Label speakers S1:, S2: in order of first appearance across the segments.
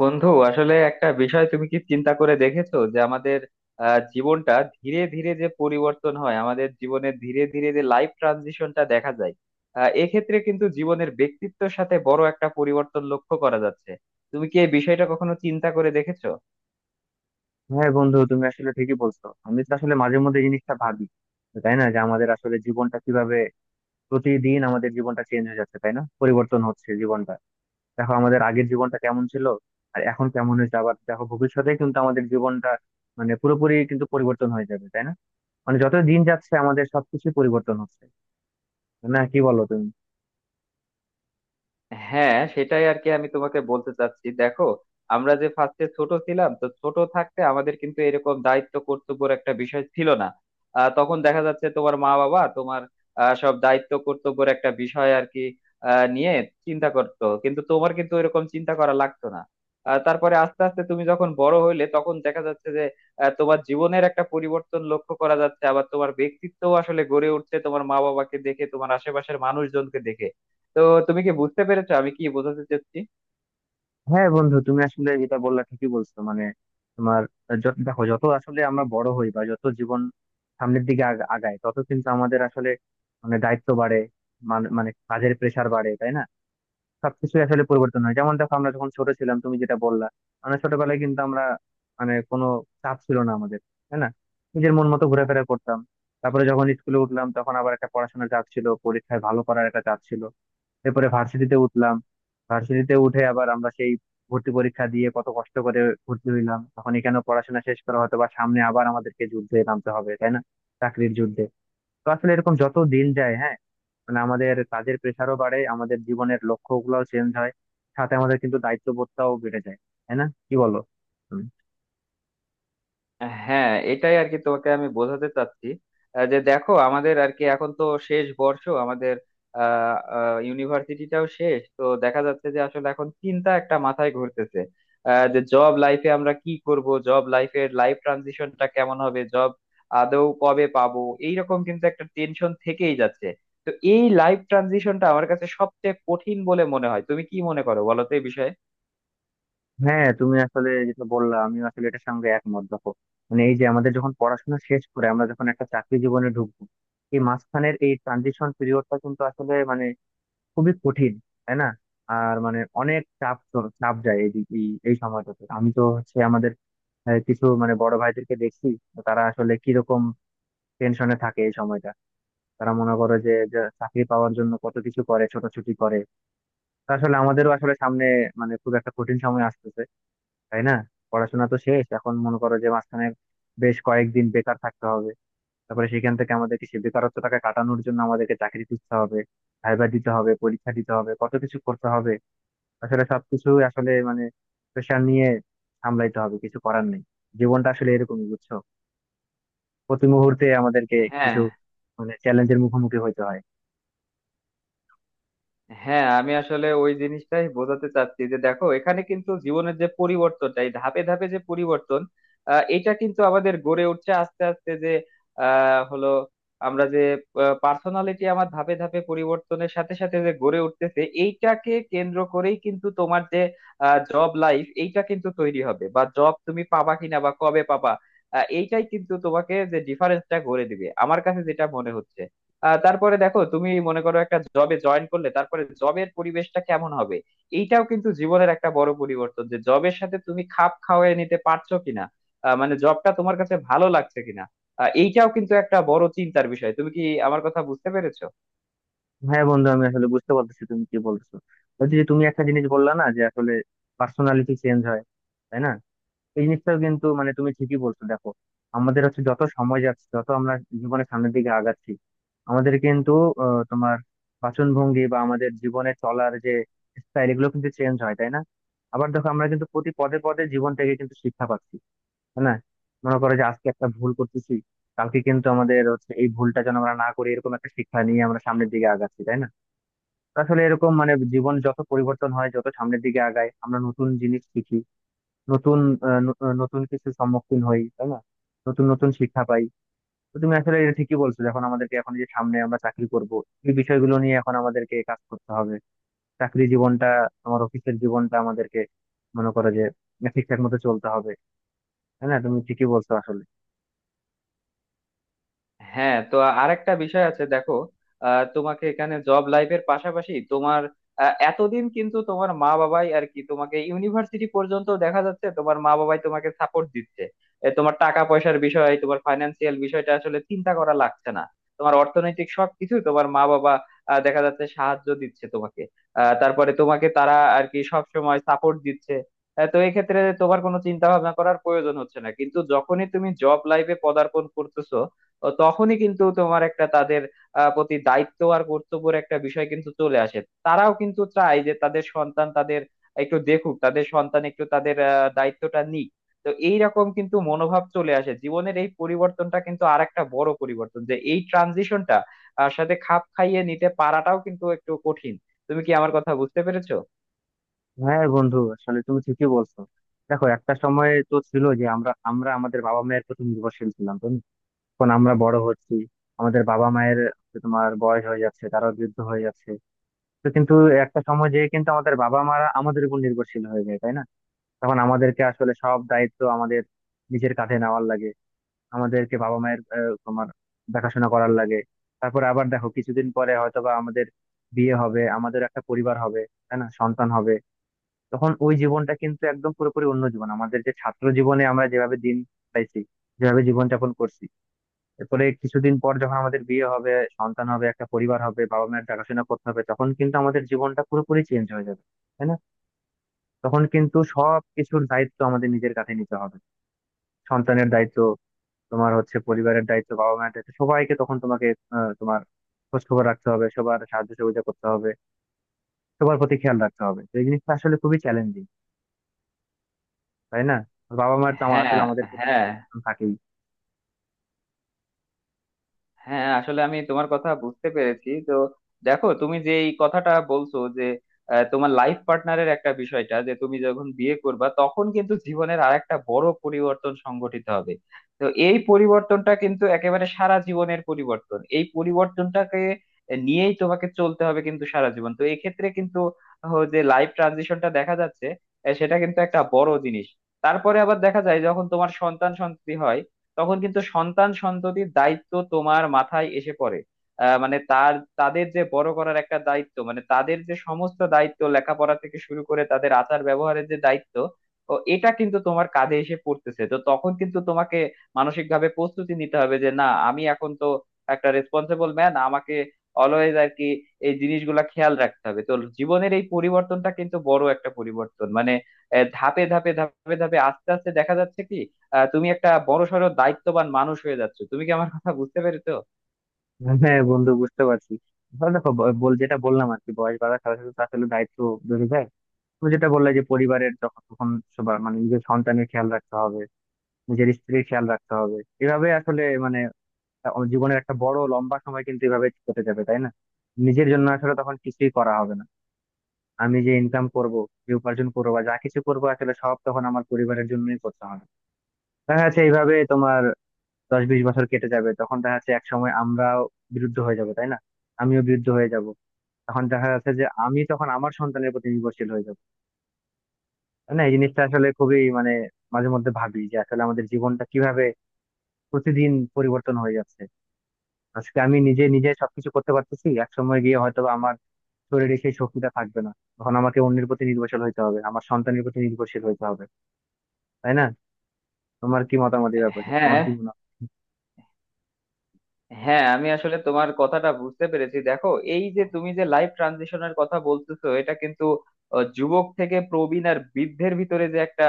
S1: বন্ধু আসলে একটা বিষয় তুমি কি চিন্তা করে দেখেছো যে আমাদের জীবনটা ধীরে ধীরে যে পরিবর্তন হয় আমাদের জীবনে ধীরে ধীরে যে লাইফ ট্রানজিশনটা দেখা যায়। এক্ষেত্রে কিন্তু জীবনের ব্যক্তিত্বের সাথে বড় একটা পরিবর্তন লক্ষ্য করা যাচ্ছে। তুমি কি এই বিষয়টা কখনো চিন্তা করে দেখেছো?
S2: হ্যাঁ বন্ধু, তুমি আসলে ঠিকই বলছো। আমি তো আসলে মাঝে মধ্যে এই জিনিসটা ভাবি, তাই না? যে আমাদের আসলে জীবনটা কিভাবে প্রতিদিন আমাদের জীবনটা চেঞ্জ হয়ে যাচ্ছে, তাই না? পরিবর্তন হচ্ছে জীবনটা। দেখো আমাদের আগের জীবনটা কেমন ছিল আর এখন কেমন হয়েছে, আবার দেখো ভবিষ্যতে কিন্তু আমাদের জীবনটা মানে পুরোপুরি কিন্তু পরিবর্তন হয়ে যাবে, তাই না? মানে যত দিন যাচ্ছে আমাদের সবকিছু পরিবর্তন হচ্ছে। না, কি বলো তুমি?
S1: হ্যাঁ, সেটাই আর কি। আমি তোমাকে বলতে চাচ্ছি, দেখো, আমরা যে ফার্স্টে ছোট ছিলাম, তো ছোট থাকতে আমাদের কিন্তু এরকম দায়িত্ব কর্তব্যের একটা বিষয় ছিল না। তখন দেখা যাচ্ছে তোমার মা বাবা তোমার সব দায়িত্ব কর্তব্যের একটা বিষয় আর কি নিয়ে চিন্তা করতো, কিন্তু তোমার কিন্তু এরকম চিন্তা করা লাগতো না। তারপরে আস্তে আস্তে তুমি যখন বড় হইলে তখন দেখা যাচ্ছে যে তোমার জীবনের একটা পরিবর্তন লক্ষ্য করা যাচ্ছে, আবার তোমার ব্যক্তিত্বও আসলে গড়ে উঠছে তোমার মা বাবাকে দেখে, তোমার আশেপাশের মানুষজনকে দেখে। তো তুমি কি বুঝতে পেরেছো আমি কি বোঝাতে চাচ্ছি?
S2: হ্যাঁ বন্ধু, তুমি আসলে যেটা বললা ঠিকই বলছো। মানে তোমার দেখো যত আসলে আমরা বড় হই, বা যত জীবন সামনের দিকে আগায়, তত কিন্তু আমাদের আসলে মানে দায়িত্ব বাড়ে। মানে কাজের প্রেশার বাড়ে, তাই না? সবকিছু আসলে পরিবর্তন হয়। যেমন দেখো, আমরা যখন ছোট ছিলাম, তুমি যেটা বললা, মানে ছোটবেলায় কিন্তু আমরা মানে কোনো চাপ ছিল না আমাদের, তাই না? নিজের মন মতো ঘোরাফেরা করতাম। তারপরে যখন স্কুলে উঠলাম, তখন আবার একটা পড়াশোনার চাপ ছিল, পরীক্ষায় ভালো করার একটা চাপ ছিল। এরপরে ভার্সিটিতে উঠলাম। ভার্সিটিতে উঠে আবার আমরা সেই ভর্তি পরীক্ষা দিয়ে কত কষ্ট করে ভর্তি হইলাম, তখন এখানে পড়াশোনা শেষ করা, হয়তো বা সামনে আবার আমাদেরকে যুদ্ধে নামতে হবে, তাই না? চাকরির যুদ্ধে। তো আসলে এরকম যত দিন যায়, হ্যাঁ, মানে আমাদের কাজের প্রেশারও বাড়ে, আমাদের জীবনের লক্ষ্য গুলাও চেঞ্জ হয়, সাথে আমাদের কিন্তু দায়িত্ববোধটাও বেড়ে যায়। তাই না, কি বলো?
S1: হ্যাঁ, এটাই আর কি তোমাকে আমি বোঝাতে চাচ্ছি। যে দেখো আমাদের আর কি এখন তো শেষ বর্ষ আমাদের, ইউনিভার্সিটিটাও শেষ, তো দেখা যাচ্ছে যে আসলে এখন চিন্তা একটা মাথায় ঘুরতেছে যে জব লাইফে আমরা কি করব, জব লাইফের লাইফ ট্রানজিশনটা কেমন হবে, জব আদৌ কবে পাবো। এইরকম কিন্তু একটা টেনশন থেকেই যাচ্ছে। তো এই লাইফ ট্রানজিশনটা আমার কাছে সবচেয়ে কঠিন বলে মনে হয়। তুমি কি মনে করো, বলো তো এই বিষয়ে?
S2: হ্যাঁ তুমি আসলে যেটা বললা আমি আসলে এটার সঙ্গে একমত। দেখো মানে এই যে আমাদের যখন পড়াশোনা শেষ করে আমরা যখন একটা চাকরি জীবনে ঢুকবো, এই মাঝখানের এই ট্রানজিশন পিরিয়ডটা কিন্তু আসলে মানে খুবই কঠিন, তাই না? আর মানে অনেক চাপ চাপ যায় এই এই এই সময়টাতে। আমি তো হচ্ছে আমাদের কিছু মানে বড় ভাইদেরকে দেখছি, তো তারা আসলে কিরকম টেনশনে থাকে এই সময়টা। তারা মনে করে যে, যে চাকরি পাওয়ার জন্য কত কিছু করে, ছোটাছুটি করে, তা আসলে আমাদেরও আসলে সামনে মানে খুব একটা কঠিন সময় আসতেছে, তাই না? পড়াশোনা তো শেষ, এখন মনে করো যে মাঝখানে বেশ কয়েকদিন বেকার থাকতে হবে। তারপরে সেখান থেকে আমাদেরকে সেই বেকারত্বটাকে কাটানোর জন্য আমাদেরকে চাকরি খুঁজতে হবে, ভাইবা দিতে হবে, পরীক্ষা দিতে হবে, কত কিছু করতে হবে। আসলে সবকিছু আসলে মানে প্রেশার নিয়ে সামলাইতে হবে, কিছু করার নেই। জীবনটা আসলে এরকমই, বুঝছো? প্রতি মুহূর্তে আমাদেরকে
S1: হ্যাঁ।
S2: কিছু মানে চ্যালেঞ্জের মুখোমুখি হইতে হয়।
S1: হ্যাঁ, আমি আসলে ওই জিনিসটাই বোঝাতে চাচ্ছি যে দেখো এখানে কিন্তু জীবনের যে পরিবর্তনটা, এই ধাপে ধাপে যে পরিবর্তন, এটা কিন্তু আমাদের গড়ে উঠছে আস্তে আস্তে। যে হলো আমরা যে পার্সোনালিটি আমার ধাপে ধাপে পরিবর্তনের সাথে সাথে যে গড়ে উঠতেছে, এইটাকে কেন্দ্র করেই কিন্তু তোমার যে জব লাইফ, এইটা কিন্তু তৈরি হবে, বা জব তুমি পাবা কিনা বা কবে পাবা, এইটাই কিন্তু তোমাকে যে ডিফারেন্সটা গড়ে দিবে, আমার কাছে যেটা মনে হচ্ছে। তারপরে দেখো তুমি মনে করো একটা জবে জয়েন করলে, তারপরে জবের পরিবেশটা কেমন হবে, এইটাও কিন্তু জীবনের একটা বড় পরিবর্তন যে জবের সাথে তুমি খাপ খাওয়ায় নিতে পারছো কিনা, মানে জবটা তোমার কাছে ভালো লাগছে কিনা, এইটাও কিন্তু একটা বড় চিন্তার বিষয়। তুমি কি আমার কথা বুঝতে পেরেছো?
S2: হ্যাঁ বন্ধু, আমি আসলে বুঝতে পারতেছি তুমি কি বলছো। বলছি যে তুমি একটা জিনিস বললা না, যে আসলে পার্সোনালিটি চেঞ্জ হয়, তাই না? এই জিনিসটাও কিন্তু মানে তুমি ঠিকই বলছো। দেখো আমাদের হচ্ছে যত সময় যাচ্ছে, যত আমরা জীবনের সামনের দিকে আগাচ্ছি, আমাদের কিন্তু তোমার বাচন ভঙ্গি বা আমাদের জীবনে চলার যে স্টাইল, এগুলো কিন্তু চেঞ্জ হয়, তাই না? আবার দেখো আমরা কিন্তু প্রতি পদে পদে জীবন থেকে কিন্তু শিক্ষা পাচ্ছি, তাই না? মনে করো যে আজকে একটা ভুল করতেছি, কালকে কিন্তু আমাদের হচ্ছে এই ভুলটা যেন আমরা না করি, এরকম একটা শিক্ষা নিয়ে আমরা সামনের দিকে আগাচ্ছি, তাই না? তো আসলে এরকম মানে জীবন যত পরিবর্তন হয়, যত সামনের দিকে আগায়, আমরা নতুন জিনিস শিখি, নতুন নতুন কিছু সম্মুখীন হই, তাই না? নতুন নতুন শিক্ষা পাই। তো তুমি আসলে এটা ঠিকই বলছো, যখন আমাদেরকে এখন যে সামনে আমরা চাকরি করব, এই বিষয়গুলো নিয়ে এখন আমাদেরকে কাজ করতে হবে। চাকরি জীবনটা, আমার অফিসের জীবনটা আমাদেরকে মনে করো যে ঠিকঠাক মতো চলতে হবে, তাই না? তুমি ঠিকই বলছো আসলে।
S1: হ্যাঁ। তো আরেকটা বিষয় আছে, দেখো তোমাকে এখানে জব লাইফের পাশাপাশি তোমার এতদিন কিন্তু তোমার মা বাবাই আর কি তোমাকে ইউনিভার্সিটি পর্যন্ত, দেখা যাচ্ছে তোমার মা বাবাই তোমাকে সাপোর্ট দিচ্ছে। এ, তোমার টাকা পয়সার বিষয়, তোমার ফাইন্যান্সিয়াল বিষয়টা আসলে চিন্তা করা লাগছে না। তোমার অর্থনৈতিক সবকিছু তোমার মা বাবা দেখা যাচ্ছে সাহায্য দিচ্ছে তোমাকে। তারপরে তোমাকে তারা আর কি সব সময় সাপোর্ট দিচ্ছে। তো এক্ষেত্রে তোমার কোনো চিন্তা ভাবনা করার প্রয়োজন হচ্ছে না, কিন্তু যখনই তুমি জব লাইফে পদার্পণ করতেছো ও তখনই কিন্তু তোমার একটা তাদের প্রতি দায়িত্ব আর কর্তব্যের একটা বিষয় কিন্তু চলে আসে। তারাও কিন্তু চায় যে তাদের সন্তান তাদের একটু দেখুক, তাদের সন্তান একটু তাদের দায়িত্বটা নিক। তো এইরকম কিন্তু মনোভাব চলে আসে। জীবনের এই পরিবর্তনটা কিন্তু আর একটা বড় পরিবর্তন, যে এই ট্রানজিশনটা সাথে খাপ খাইয়ে নিতে পারাটাও কিন্তু একটু কঠিন। তুমি কি আমার কথা বুঝতে পেরেছো?
S2: হ্যাঁ বন্ধু, আসলে তুমি ঠিকই বলছো। দেখো একটা সময় তো ছিল যে আমরা আমরা আমাদের বাবা মায়ের প্রতি নির্ভরশীল ছিলাম। তো এখন আমরা বড় হচ্ছি, আমাদের বাবা মায়ের হচ্ছে তোমার বয়স হয়ে যাচ্ছে, তারা বৃদ্ধ হয়ে যাচ্ছে। তো কিন্তু একটা সময় যেয়ে কিন্তু আমাদের বাবা মারা আমাদের উপর নির্ভরশীল হয়ে যায়, তাই না? তখন আমাদেরকে আসলে সব দায়িত্ব আমাদের নিজের কাঁধে নেওয়ার লাগে, আমাদেরকে বাবা মায়ের তোমার দেখাশোনা করার লাগে। তারপরে আবার দেখো, কিছুদিন পরে হয়তো বা আমাদের বিয়ে হবে, আমাদের একটা পরিবার হবে, তাই না? সন্তান হবে। তখন ওই জীবনটা কিন্তু একদম পুরোপুরি অন্য জীবন, আমাদের যে ছাত্র জীবনে আমরা যেভাবে দিন পাইছি, যেভাবে জীবনযাপন করছি, এরপরে কিছুদিন পর যখন আমাদের বিয়ে হবে, সন্তান হবে, একটা পরিবার হবে, বাবা মায়ের দেখাশোনা করতে হবে, তখন কিন্তু আমাদের জীবনটা পুরোপুরি চেঞ্জ হয়ে যাবে, তাই না? তখন কিন্তু সব কিছুর দায়িত্ব আমাদের নিজের কাছে নিতে হবে। সন্তানের দায়িত্ব, তোমার হচ্ছে পরিবারের দায়িত্ব, বাবা মায়ের দায়িত্ব, সবাইকে তখন তোমাকে তোমার খোঁজ খবর রাখতে হবে, সবার সাহায্য সহযোগিতা করতে হবে, সবার প্রতি খেয়াল রাখতে হবে। তো এই জিনিসটা আসলে খুবই চ্যালেঞ্জিং, তাই না? বাবা মায়ের তো
S1: হ্যাঁ।
S2: আসলে আমাদের প্রতি
S1: হ্যাঁ।
S2: থাকেই।
S1: হ্যাঁ, আসলে আমি তোমার কথা বুঝতে পেরেছি। তো দেখো তুমি যে এই কথাটা বলছো যে তোমার লাইফ পার্টনারের একটা বিষয়টা, যে তুমি যখন বিয়ে করবা তখন কিন্তু জীবনের আরেকটা বড় পরিবর্তন সংঘটিত হবে। তো এই পরিবর্তনটা কিন্তু একেবারে সারা জীবনের পরিবর্তন, এই পরিবর্তনটাকে নিয়েই তোমাকে চলতে হবে কিন্তু সারা জীবন। তো এক্ষেত্রে কিন্তু যে লাইফ ট্রানজিশনটা দেখা যাচ্ছে, সেটা কিন্তু একটা বড় জিনিস। তারপরে আবার দেখা যায় যখন তোমার সন্তান সন্ততি হয়, তখন কিন্তু সন্তান সন্ততির দায়িত্ব তোমার মাথায় এসে পড়ে। আহ, মানে তার তাদের যে বড় করার একটা দায়িত্ব, মানে তাদের যে সমস্ত দায়িত্ব, লেখাপড়া থেকে শুরু করে তাদের আচার ব্যবহারের যে দায়িত্ব, ও এটা কিন্তু তোমার কাঁধে এসে পড়তেছে। তো তখন কিন্তু তোমাকে মানসিক ভাবে প্রস্তুতি নিতে হবে যে না, আমি এখন তো একটা রেসপন্সিবল ম্যান, আমাকে অলওয়েজ আর কি এই জিনিসগুলা খেয়াল রাখতে হবে। তো জীবনের এই পরিবর্তনটা কিন্তু বড় একটা পরিবর্তন, মানে ধাপে ধাপে ধাপে ধাপে আস্তে আস্তে দেখা যাচ্ছে কি তুমি একটা বড়সড় দায়িত্ববান মানুষ হয়ে যাচ্ছ। তুমি কি আমার কথা বুঝতে পেরেছো?
S2: হ্যাঁ বন্ধু, বুঝতে পারছি। তাহলে দেখো, বল যেটা বললাম আর কি, বয়স বাড়ার সাথে সাথে তো আসলে দায়িত্ব বেড়ে যায়। তুমি যেটা বললে যে পরিবারের যখন, তখন সবার মানে নিজের সন্তানের খেয়াল রাখতে হবে, নিজের স্ত্রীর খেয়াল রাখতে হবে। এভাবে আসলে মানে জীবনের একটা বড় লম্বা সময় কিন্তু এভাবে কেটে যাবে, তাই না? নিজের জন্য আসলে তখন কিছুই করা হবে না। আমি যে ইনকাম করব, যে উপার্জন করবো, বা যা কিছু করবো, আসলে সব তখন আমার পরিবারের জন্যই করতে হবে। দেখা যাচ্ছে এইভাবে তোমার 10-20 বছর কেটে যাবে, তখন দেখা যাচ্ছে এক সময় আমরাও বিরুদ্ধ হয়ে যাব, তাই না? আমিও বিরুদ্ধ হয়ে যাব। তখন দেখা যাচ্ছে যে আমি তখন আমার সন্তানের প্রতি নির্ভরশীল হয়ে যাব। না, এই জিনিসটা আসলে খুবই মানে, মাঝে মধ্যে ভাবি যে আসলে আমাদের জীবনটা কিভাবে প্রতিদিন পরিবর্তন হয়ে যাচ্ছে। আজকে আমি নিজে নিজে সবকিছু করতে পারতেছি, এক সময় গিয়ে হয়তো বা আমার শরীরে সেই শক্তিটা থাকবে না। তখন আমাকে অন্যের প্রতি নির্ভরশীল হইতে হবে, আমার সন্তানের প্রতি নির্ভরশীল হইতে হবে, তাই না? তোমার কি মতামত এই ব্যাপারে? তোমার
S1: হ্যাঁ।
S2: কি মনে হয়?
S1: হ্যাঁ, আমি আসলে তোমার কথাটা বুঝতে পেরেছি। দেখো এই যে তুমি যে লাইফ ট্রানজিশনের কথা বলতেছো, এটা কিন্তু যুবক থেকে প্রবীণ আর বৃদ্ধের ভিতরে যে একটা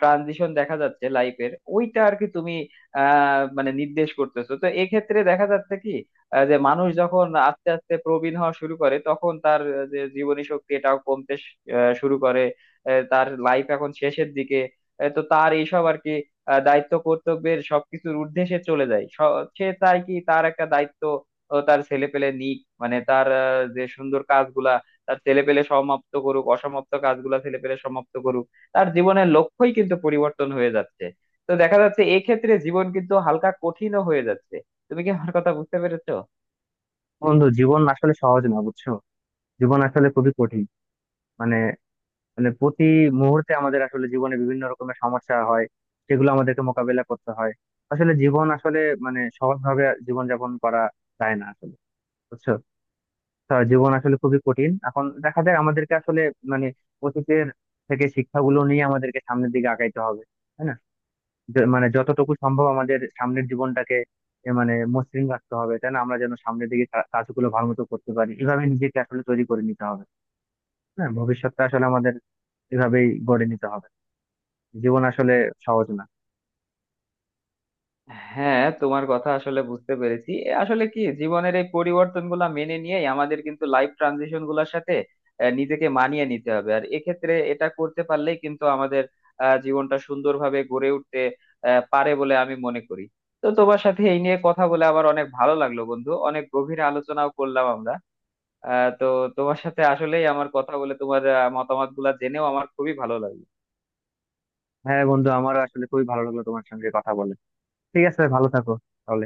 S1: ট্রানজিশন দেখা যাচ্ছে লাইফের, ওইটা আর কি তুমি মানে নির্দেশ করতেছো। তো এক্ষেত্রে দেখা যাচ্ছে কি যে মানুষ যখন আস্তে আস্তে প্রবীণ হওয়া শুরু করে, তখন তার যে জীবনী শক্তি, এটাও কমতে শুরু করে। তার লাইফ এখন শেষের দিকে। তো তার এইসব আর কি দায়িত্ব কর্তব্যের সবকিছুর ঊর্ধ্বে সে চলে যায়। সে চায় কি তার একটা দায়িত্ব ও তার ছেলে পেলে নিক, মানে তার যে সুন্দর কাজগুলা তার ছেলে পেলে সমাপ্ত করুক, অসমাপ্ত কাজগুলা ছেলে পেলে সমাপ্ত করুক। তার জীবনের লক্ষ্যই কিন্তু পরিবর্তন হয়ে যাচ্ছে। তো দেখা যাচ্ছে এক্ষেত্রে জীবন কিন্তু হালকা কঠিনও হয়ে যাচ্ছে। তুমি কি আমার কথা বুঝতে পেরেছো?
S2: বন্ধু, জীবন আসলে সহজ না, বুঝছো? জীবন আসলে খুবই কঠিন। মানে মানে প্রতি মুহূর্তে আমাদের আসলে জীবনে বিভিন্ন রকমের সমস্যা হয়, সেগুলো আমাদেরকে মোকাবেলা করতে হয়। আসলে জীবন আসলে মানে সহজভাবে জীবনযাপন করা যায় না আসলে, বুঝছো? তা জীবন আসলে খুবই কঠিন। এখন দেখা যায় আমাদেরকে আসলে মানে অতীতের থেকে শিক্ষাগুলো নিয়ে আমাদেরকে সামনের দিকে আগাইতে হবে, তাই না? মানে যতটুকু সম্ভব আমাদের সামনের জীবনটাকে এ মানে মসৃণ রাখতে হবে, তাই না? আমরা যেন সামনের দিকে কাজগুলো ভালো মতো করতে পারি, এভাবে নিজেকে আসলে তৈরি করে নিতে হবে। হ্যাঁ, ভবিষ্যৎটা আসলে আমাদের এভাবেই গড়ে নিতে হবে। জীবন আসলে সহজ না।
S1: হ্যাঁ, তোমার কথা আসলে বুঝতে পেরেছি। এ আসলে কি জীবনের এই পরিবর্তন গুলা মেনে নিয়েই আমাদের কিন্তু লাইফ ট্রানজিশন গুলার সাথে নিজেকে মানিয়ে নিতে হবে। আর এক্ষেত্রে এটা করতে পারলেই কিন্তু আমাদের জীবনটা সুন্দরভাবে গড়ে উঠতে পারে বলে আমি মনে করি। তো তোমার সাথে এই নিয়ে কথা বলে আবার অনেক ভালো লাগলো বন্ধু, অনেক গভীর আলোচনাও করলাম আমরা। তো তোমার সাথে আসলেই আমার কথা বলে, তোমার মতামত গুলা জেনেও আমার খুবই ভালো লাগলো।
S2: হ্যাঁ বন্ধু, আমার আসলে খুবই ভালো লাগলো তোমার সঙ্গে কথা বলে। ঠিক আছে, ভালো থাকো তাহলে।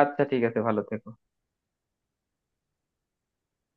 S1: আচ্ছা, ঠিক আছে, ভালো থেকো।